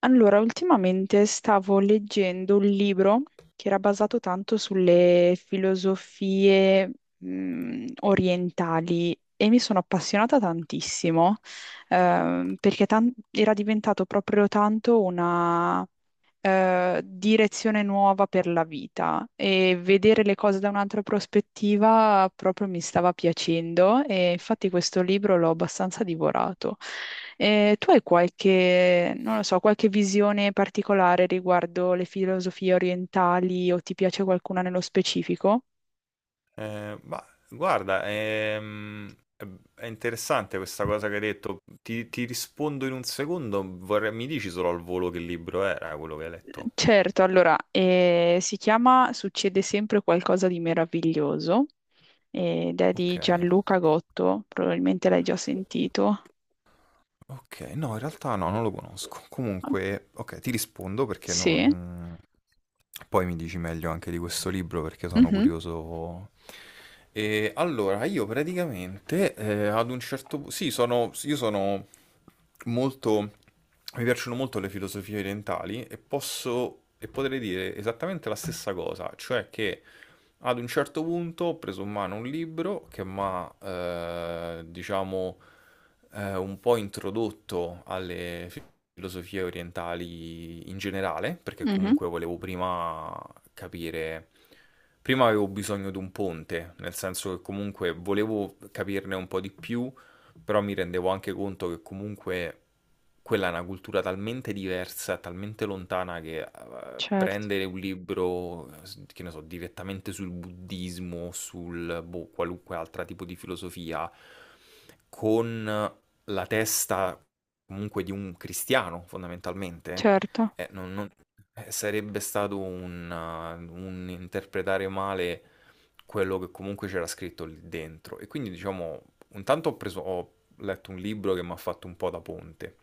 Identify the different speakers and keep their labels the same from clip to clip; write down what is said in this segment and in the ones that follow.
Speaker 1: Allora, ultimamente stavo leggendo un libro che era basato tanto sulle filosofie, orientali, e mi sono appassionata tantissimo, perché era diventato proprio tanto direzione nuova per la vita, e vedere le cose da un'altra prospettiva proprio mi stava piacendo, e infatti questo libro l'ho abbastanza divorato. Tu hai qualche, non lo so, qualche visione particolare riguardo le filosofie orientali, o ti piace qualcuna nello specifico?
Speaker 2: Ma guarda, è interessante questa cosa che hai detto. Ti rispondo in un secondo. Mi dici solo al volo che libro era quello che hai letto?
Speaker 1: Certo, allora, si chiama Succede sempre qualcosa di meraviglioso, ed è di
Speaker 2: Ok.
Speaker 1: Gianluca Gotto, probabilmente l'hai già sentito.
Speaker 2: Ok, no, in realtà no, non lo conosco. Comunque, ok, ti rispondo perché
Speaker 1: Sì,
Speaker 2: non... poi mi dici meglio anche di questo libro perché sono
Speaker 1: mhm,
Speaker 2: curioso. E allora, io praticamente ad un certo punto... Sì, sono... io sono molto... Mi piacciono molto le filosofie orientali e e potrei dire esattamente la stessa cosa, cioè che... Ad un certo punto ho preso in mano un libro che mi ha, diciamo, un po' introdotto alle filosofie orientali in generale, perché
Speaker 1: mhm,
Speaker 2: comunque volevo prima capire, prima avevo bisogno di un ponte, nel senso che comunque volevo capirne un po' di più, però mi rendevo anche conto che comunque quella è una cultura talmente diversa, talmente lontana che
Speaker 1: certo,
Speaker 2: prendere un libro, che ne so, direttamente sul buddismo, sul boh, qualunque altro tipo di filosofia, con la testa comunque di un cristiano, fondamentalmente,
Speaker 1: certo,
Speaker 2: eh, non- non- sarebbe stato un interpretare male quello che comunque c'era scritto lì dentro. E quindi, diciamo, intanto ho letto un libro che mi ha fatto un po' da ponte,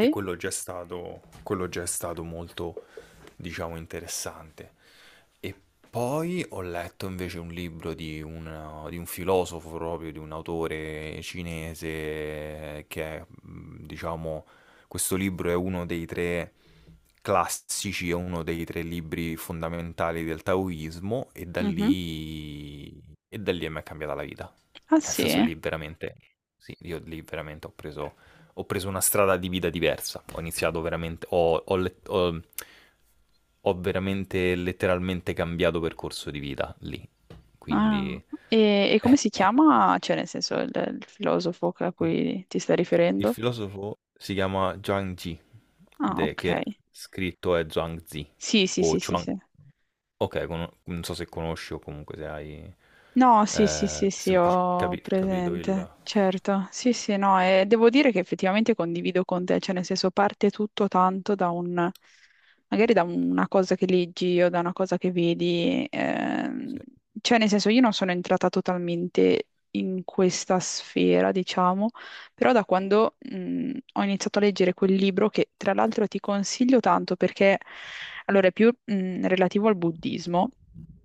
Speaker 2: e quello già è stato molto, diciamo, interessante. E poi ho letto invece un libro di un filosofo proprio, di un autore cinese che è, diciamo, questo libro è uno dei tre classici, è uno dei tre libri fondamentali del taoismo, e da
Speaker 1: Mhm.
Speaker 2: lì, e da lì a me è cambiata la vita.
Speaker 1: Ah
Speaker 2: Nel senso
Speaker 1: sì?
Speaker 2: lì veramente, sì, io lì veramente ho preso una strada di vita diversa. Ho iniziato veramente, ho veramente letteralmente cambiato percorso di vita lì. Quindi...
Speaker 1: Ah, e, come
Speaker 2: eh,
Speaker 1: si
Speaker 2: eh.
Speaker 1: chiama, cioè nel senso il filosofo a
Speaker 2: Mh.
Speaker 1: cui ti stai
Speaker 2: Il
Speaker 1: riferendo?
Speaker 2: filosofo si chiama Zhuang Zi,
Speaker 1: Ah,
Speaker 2: de
Speaker 1: ok.
Speaker 2: che scritto è Zhuangzi
Speaker 1: Sì, sì,
Speaker 2: o
Speaker 1: sì, sì,
Speaker 2: Chuang,
Speaker 1: sì.
Speaker 2: okay, cono non so se conosci o comunque se hai,
Speaker 1: No, sì, sì, sì, sì,
Speaker 2: semplic
Speaker 1: ho
Speaker 2: capi capito il
Speaker 1: presente, certo. Sì, sì, no, e devo dire che effettivamente condivido con te, cioè nel senso parte tutto tanto da un, magari da una cosa che leggi o da una cosa che vedi,
Speaker 2: sì.
Speaker 1: cioè nel senso io non sono entrata totalmente in questa sfera, diciamo, però da quando, ho iniziato a leggere quel libro, che tra l'altro ti consiglio tanto perché, allora, è più, relativo al buddismo.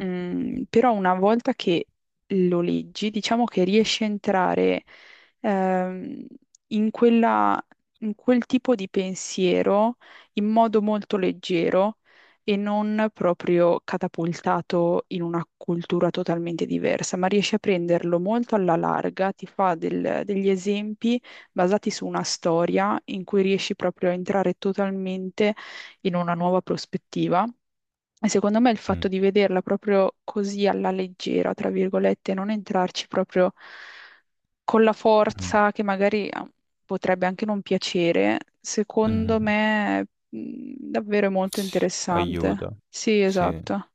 Speaker 1: Mm, però una volta che lo leggi, diciamo che riesci a entrare ehm, in in quel tipo di pensiero in modo molto leggero, e non proprio catapultato in una cultura totalmente diversa, ma riesci a prenderlo molto alla larga, ti fa degli esempi basati su una storia in cui riesci proprio a entrare totalmente in una nuova prospettiva. E secondo me il
Speaker 2: Mh.
Speaker 1: fatto di vederla proprio così alla leggera, tra virgolette, non entrarci proprio con la
Speaker 2: Mh-mh.
Speaker 1: forza che magari potrebbe anche non piacere, secondo
Speaker 2: Mh-mh-mh.
Speaker 1: me davvero è molto interessante.
Speaker 2: Aiuta.
Speaker 1: Sì,
Speaker 2: Sì.
Speaker 1: esatto,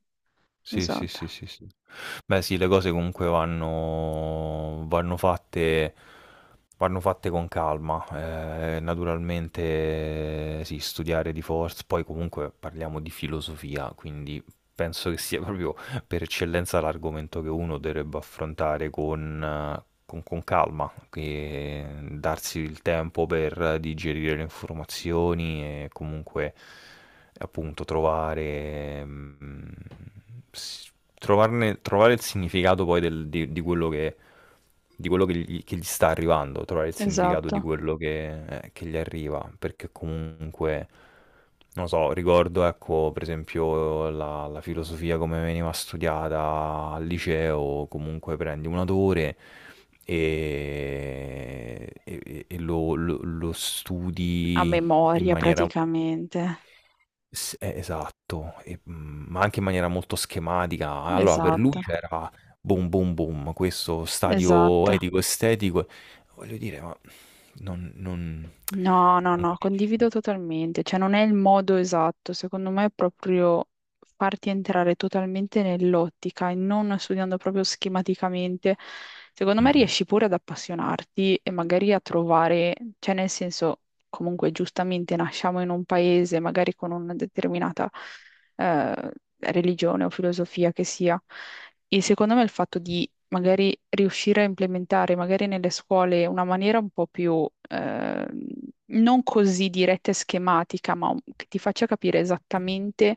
Speaker 2: Sì, sì,
Speaker 1: esatto,
Speaker 2: sì, sì, sì. Beh sì, le cose comunque vanno fatte con calma. Naturalmente sì, studiare di forz poi comunque parliamo di filosofia, quindi penso che sia proprio per eccellenza l'argomento che uno dovrebbe affrontare con calma, che darsi il tempo per digerire le informazioni e comunque appunto trovare, s- trovare il significato di quello che che gli sta arrivando, trovare il significato di
Speaker 1: esatto.
Speaker 2: quello che gli arriva, perché comunque, non so, ricordo, ecco, per esempio la filosofia come veniva studiata al liceo, comunque prendi un autore e lo
Speaker 1: A
Speaker 2: studi in
Speaker 1: memoria
Speaker 2: maniera,
Speaker 1: praticamente.
Speaker 2: S esatto, ma anche in maniera molto schematica. Allora per lui
Speaker 1: Esatto,
Speaker 2: c'era boom, boom, boom, questo stadio
Speaker 1: esatto.
Speaker 2: etico, estetico, voglio dire, ma non non
Speaker 1: No, no,
Speaker 2: non
Speaker 1: no,
Speaker 2: capisci.
Speaker 1: condivido totalmente, cioè non è il modo esatto, secondo me è proprio farti entrare totalmente nell'ottica, e non studiando proprio schematicamente, secondo me
Speaker 2: Mh-mh,
Speaker 1: riesci pure ad appassionarti e magari a trovare, cioè nel senso, comunque giustamente nasciamo in un paese magari con una determinata eh, religione o filosofia che sia. E secondo me il fatto di magari riuscire a implementare magari nelle scuole una maniera un po' più non così diretta e schematica, ma che ti faccia capire esattamente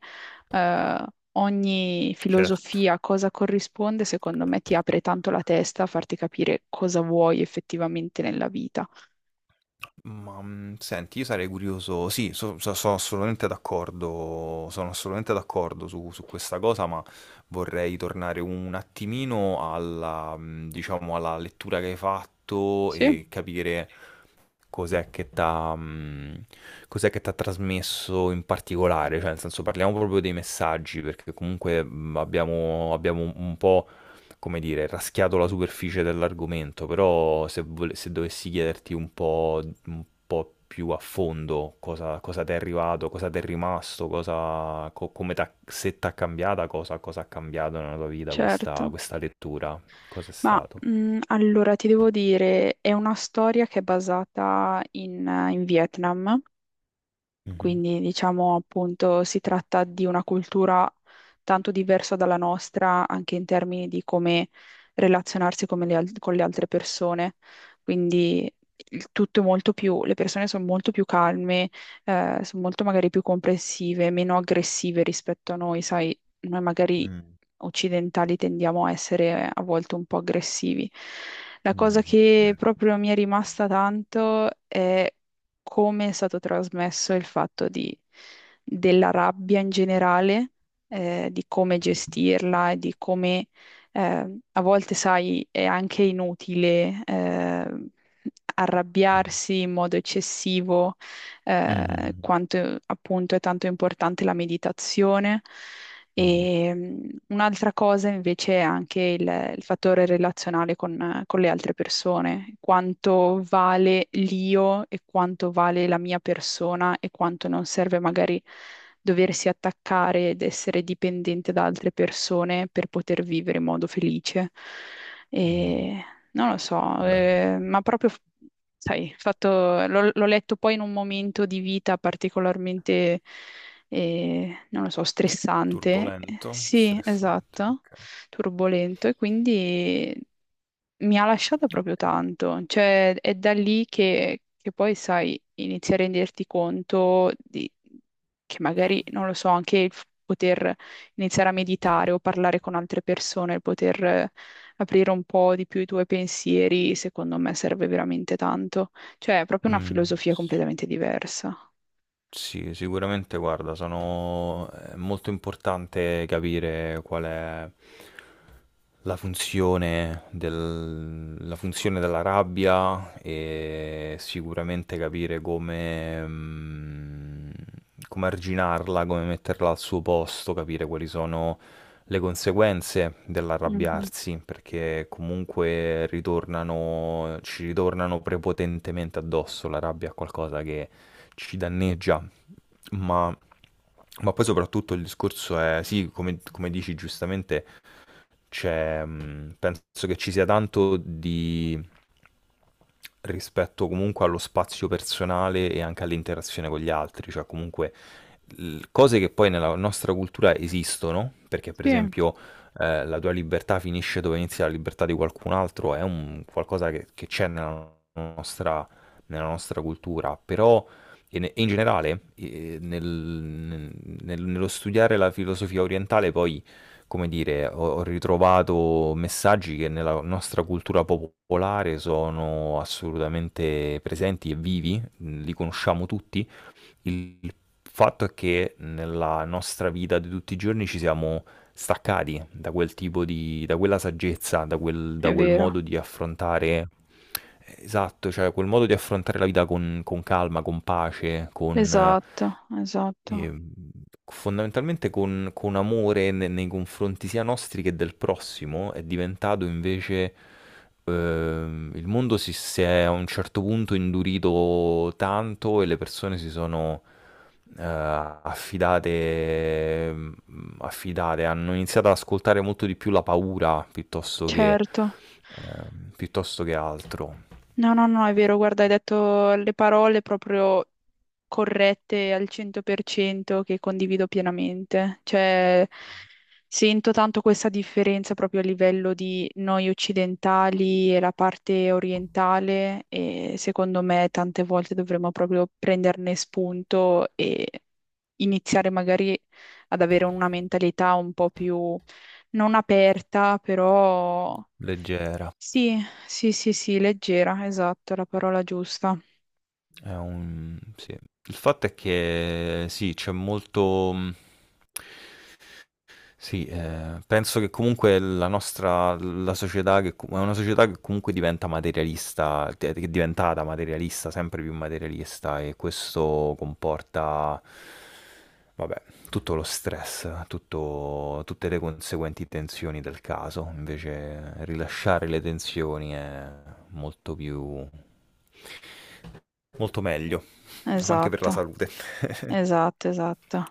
Speaker 1: eh, ogni
Speaker 2: certo.
Speaker 1: filosofia, cosa corrisponde, secondo me ti apre tanto la testa a farti capire cosa vuoi effettivamente nella vita.
Speaker 2: Ma senti, io sarei curioso, sì, sono assolutamente d'accordo, su questa cosa, ma vorrei tornare un attimino alla, diciamo, alla lettura che hai fatto
Speaker 1: Sì,
Speaker 2: e capire cos'è che t'ha, mh, cos'è che t'ha trasmesso in particolare, cioè nel senso parliamo proprio dei messaggi, perché comunque abbiamo un po', come dire, raschiato la superficie dell'argomento, però se dovessi chiederti un po' più a fondo cosa, ti è arrivato, cosa ti è rimasto, cosa, co- come t'ha- se ti ha cambiata, cosa ha cambiato nella tua vita
Speaker 1: certo.
Speaker 2: questa lettura, cosa è
Speaker 1: Ma
Speaker 2: stato?
Speaker 1: allora ti devo dire, è una storia che è basata in in Vietnam.
Speaker 2: Mhm.
Speaker 1: Quindi, diciamo, appunto, si tratta di una cultura tanto diversa dalla nostra, anche in termini di come relazionarsi, come le con le altre persone. Quindi il tutto è molto più, le persone sono molto più calme, sono molto magari più comprensive, meno aggressive rispetto a noi, sai, noi magari
Speaker 2: Mm,
Speaker 1: occidentali tendiamo a essere a volte un po' aggressivi. La cosa
Speaker 2: mhm,
Speaker 1: che
Speaker 2: bene.
Speaker 1: proprio mi è rimasta tanto è come è stato trasmesso il della rabbia in generale, di come
Speaker 2: Mm,
Speaker 1: gestirla e di come a volte, sai, è anche inutile arrabbiarsi in modo eccessivo,
Speaker 2: mhm,
Speaker 1: quanto appunto è tanto importante la meditazione.
Speaker 2: mhm,
Speaker 1: E un'altra cosa invece è anche il fattore relazionale con le altre persone, quanto vale l'io e quanto vale la mia persona, e quanto non serve magari doversi attaccare ed essere dipendente da altre persone per poter vivere in modo felice.
Speaker 2: mhm,
Speaker 1: E non lo so,
Speaker 2: bene.
Speaker 1: ma proprio, sai, l'ho letto poi in un momento di vita particolarmente, e non lo so, stressante.
Speaker 2: Turbolento,
Speaker 1: Sì,
Speaker 2: stressante,
Speaker 1: esatto,
Speaker 2: ok.
Speaker 1: turbolento, e quindi mi ha lasciato proprio tanto. Cioè, è da lì che poi, sai, inizi a renderti che magari, non lo so, anche poter iniziare a meditare o parlare con altre persone, il poter aprire un po' di più i tuoi pensieri, secondo me serve veramente tanto. Cioè, è proprio una
Speaker 2: Mm.
Speaker 1: filosofia completamente diversa.
Speaker 2: Sì, sicuramente, guarda, è molto importante capire qual è la funzione della rabbia, e sicuramente capire come arginarla, come metterla al suo posto, capire quali sono le conseguenze
Speaker 1: Mhm.
Speaker 2: dell'arrabbiarsi, perché comunque ci ritornano prepotentemente addosso. La rabbia è qualcosa che ci danneggia, ma, ma poi soprattutto il discorso è, sì, come dici giustamente, penso che ci sia tanto di rispetto comunque allo spazio personale e anche all'interazione con gli altri, cioè comunque cose che poi nella nostra cultura esistono, perché per
Speaker 1: Sì,
Speaker 2: esempio la tua libertà finisce dove inizia la libertà di qualcun altro, è un qualcosa che c'è nella nostra cultura, però e in generale nello studiare la filosofia orientale poi, come dire, ho ritrovato messaggi che nella nostra cultura popolare sono assolutamente presenti e vivi, li conosciamo tutti. Il fatto è che nella nostra vita di tutti i giorni ci siamo staccati da quel tipo di, da quella saggezza, da
Speaker 1: è
Speaker 2: quel
Speaker 1: vero.
Speaker 2: modo di affrontare, esatto, cioè quel modo di affrontare la vita con calma, con pace, con...
Speaker 1: Esatto, esatto,
Speaker 2: Ehm, fondamentalmente con amore ne nei confronti sia nostri che del prossimo, è diventato invece, il mondo si è a un certo punto indurito tanto e le persone si sono, affidate, hanno iniziato ad ascoltare molto di più la paura piuttosto che,
Speaker 1: certo.
Speaker 2: piuttosto che altro.
Speaker 1: No, no, no, è vero, guarda, hai detto le parole proprio corrette al 100% che condivido pienamente. Cioè, sento tanto questa differenza proprio a livello di noi occidentali e la parte orientale, e secondo me tante volte dovremmo proprio prenderne spunto e iniziare magari ad avere una mentalità un po' più non aperta, però
Speaker 2: Leggera.
Speaker 1: sì, sì, sì, sì, leggera, esatto, è la parola giusta.
Speaker 2: È un sì. Il fatto è che sì, sì, penso che comunque la società che com è una società che comunque diventa materialista, che è diventata materialista, sempre più materialista, e questo comporta, vabbè, tutto lo stress, tutto tutte le conseguenti tensioni del caso. Invece rilasciare le tensioni è molto più Molto meglio, anche per la
Speaker 1: Esatto,
Speaker 2: salute.
Speaker 1: esatto, esatto.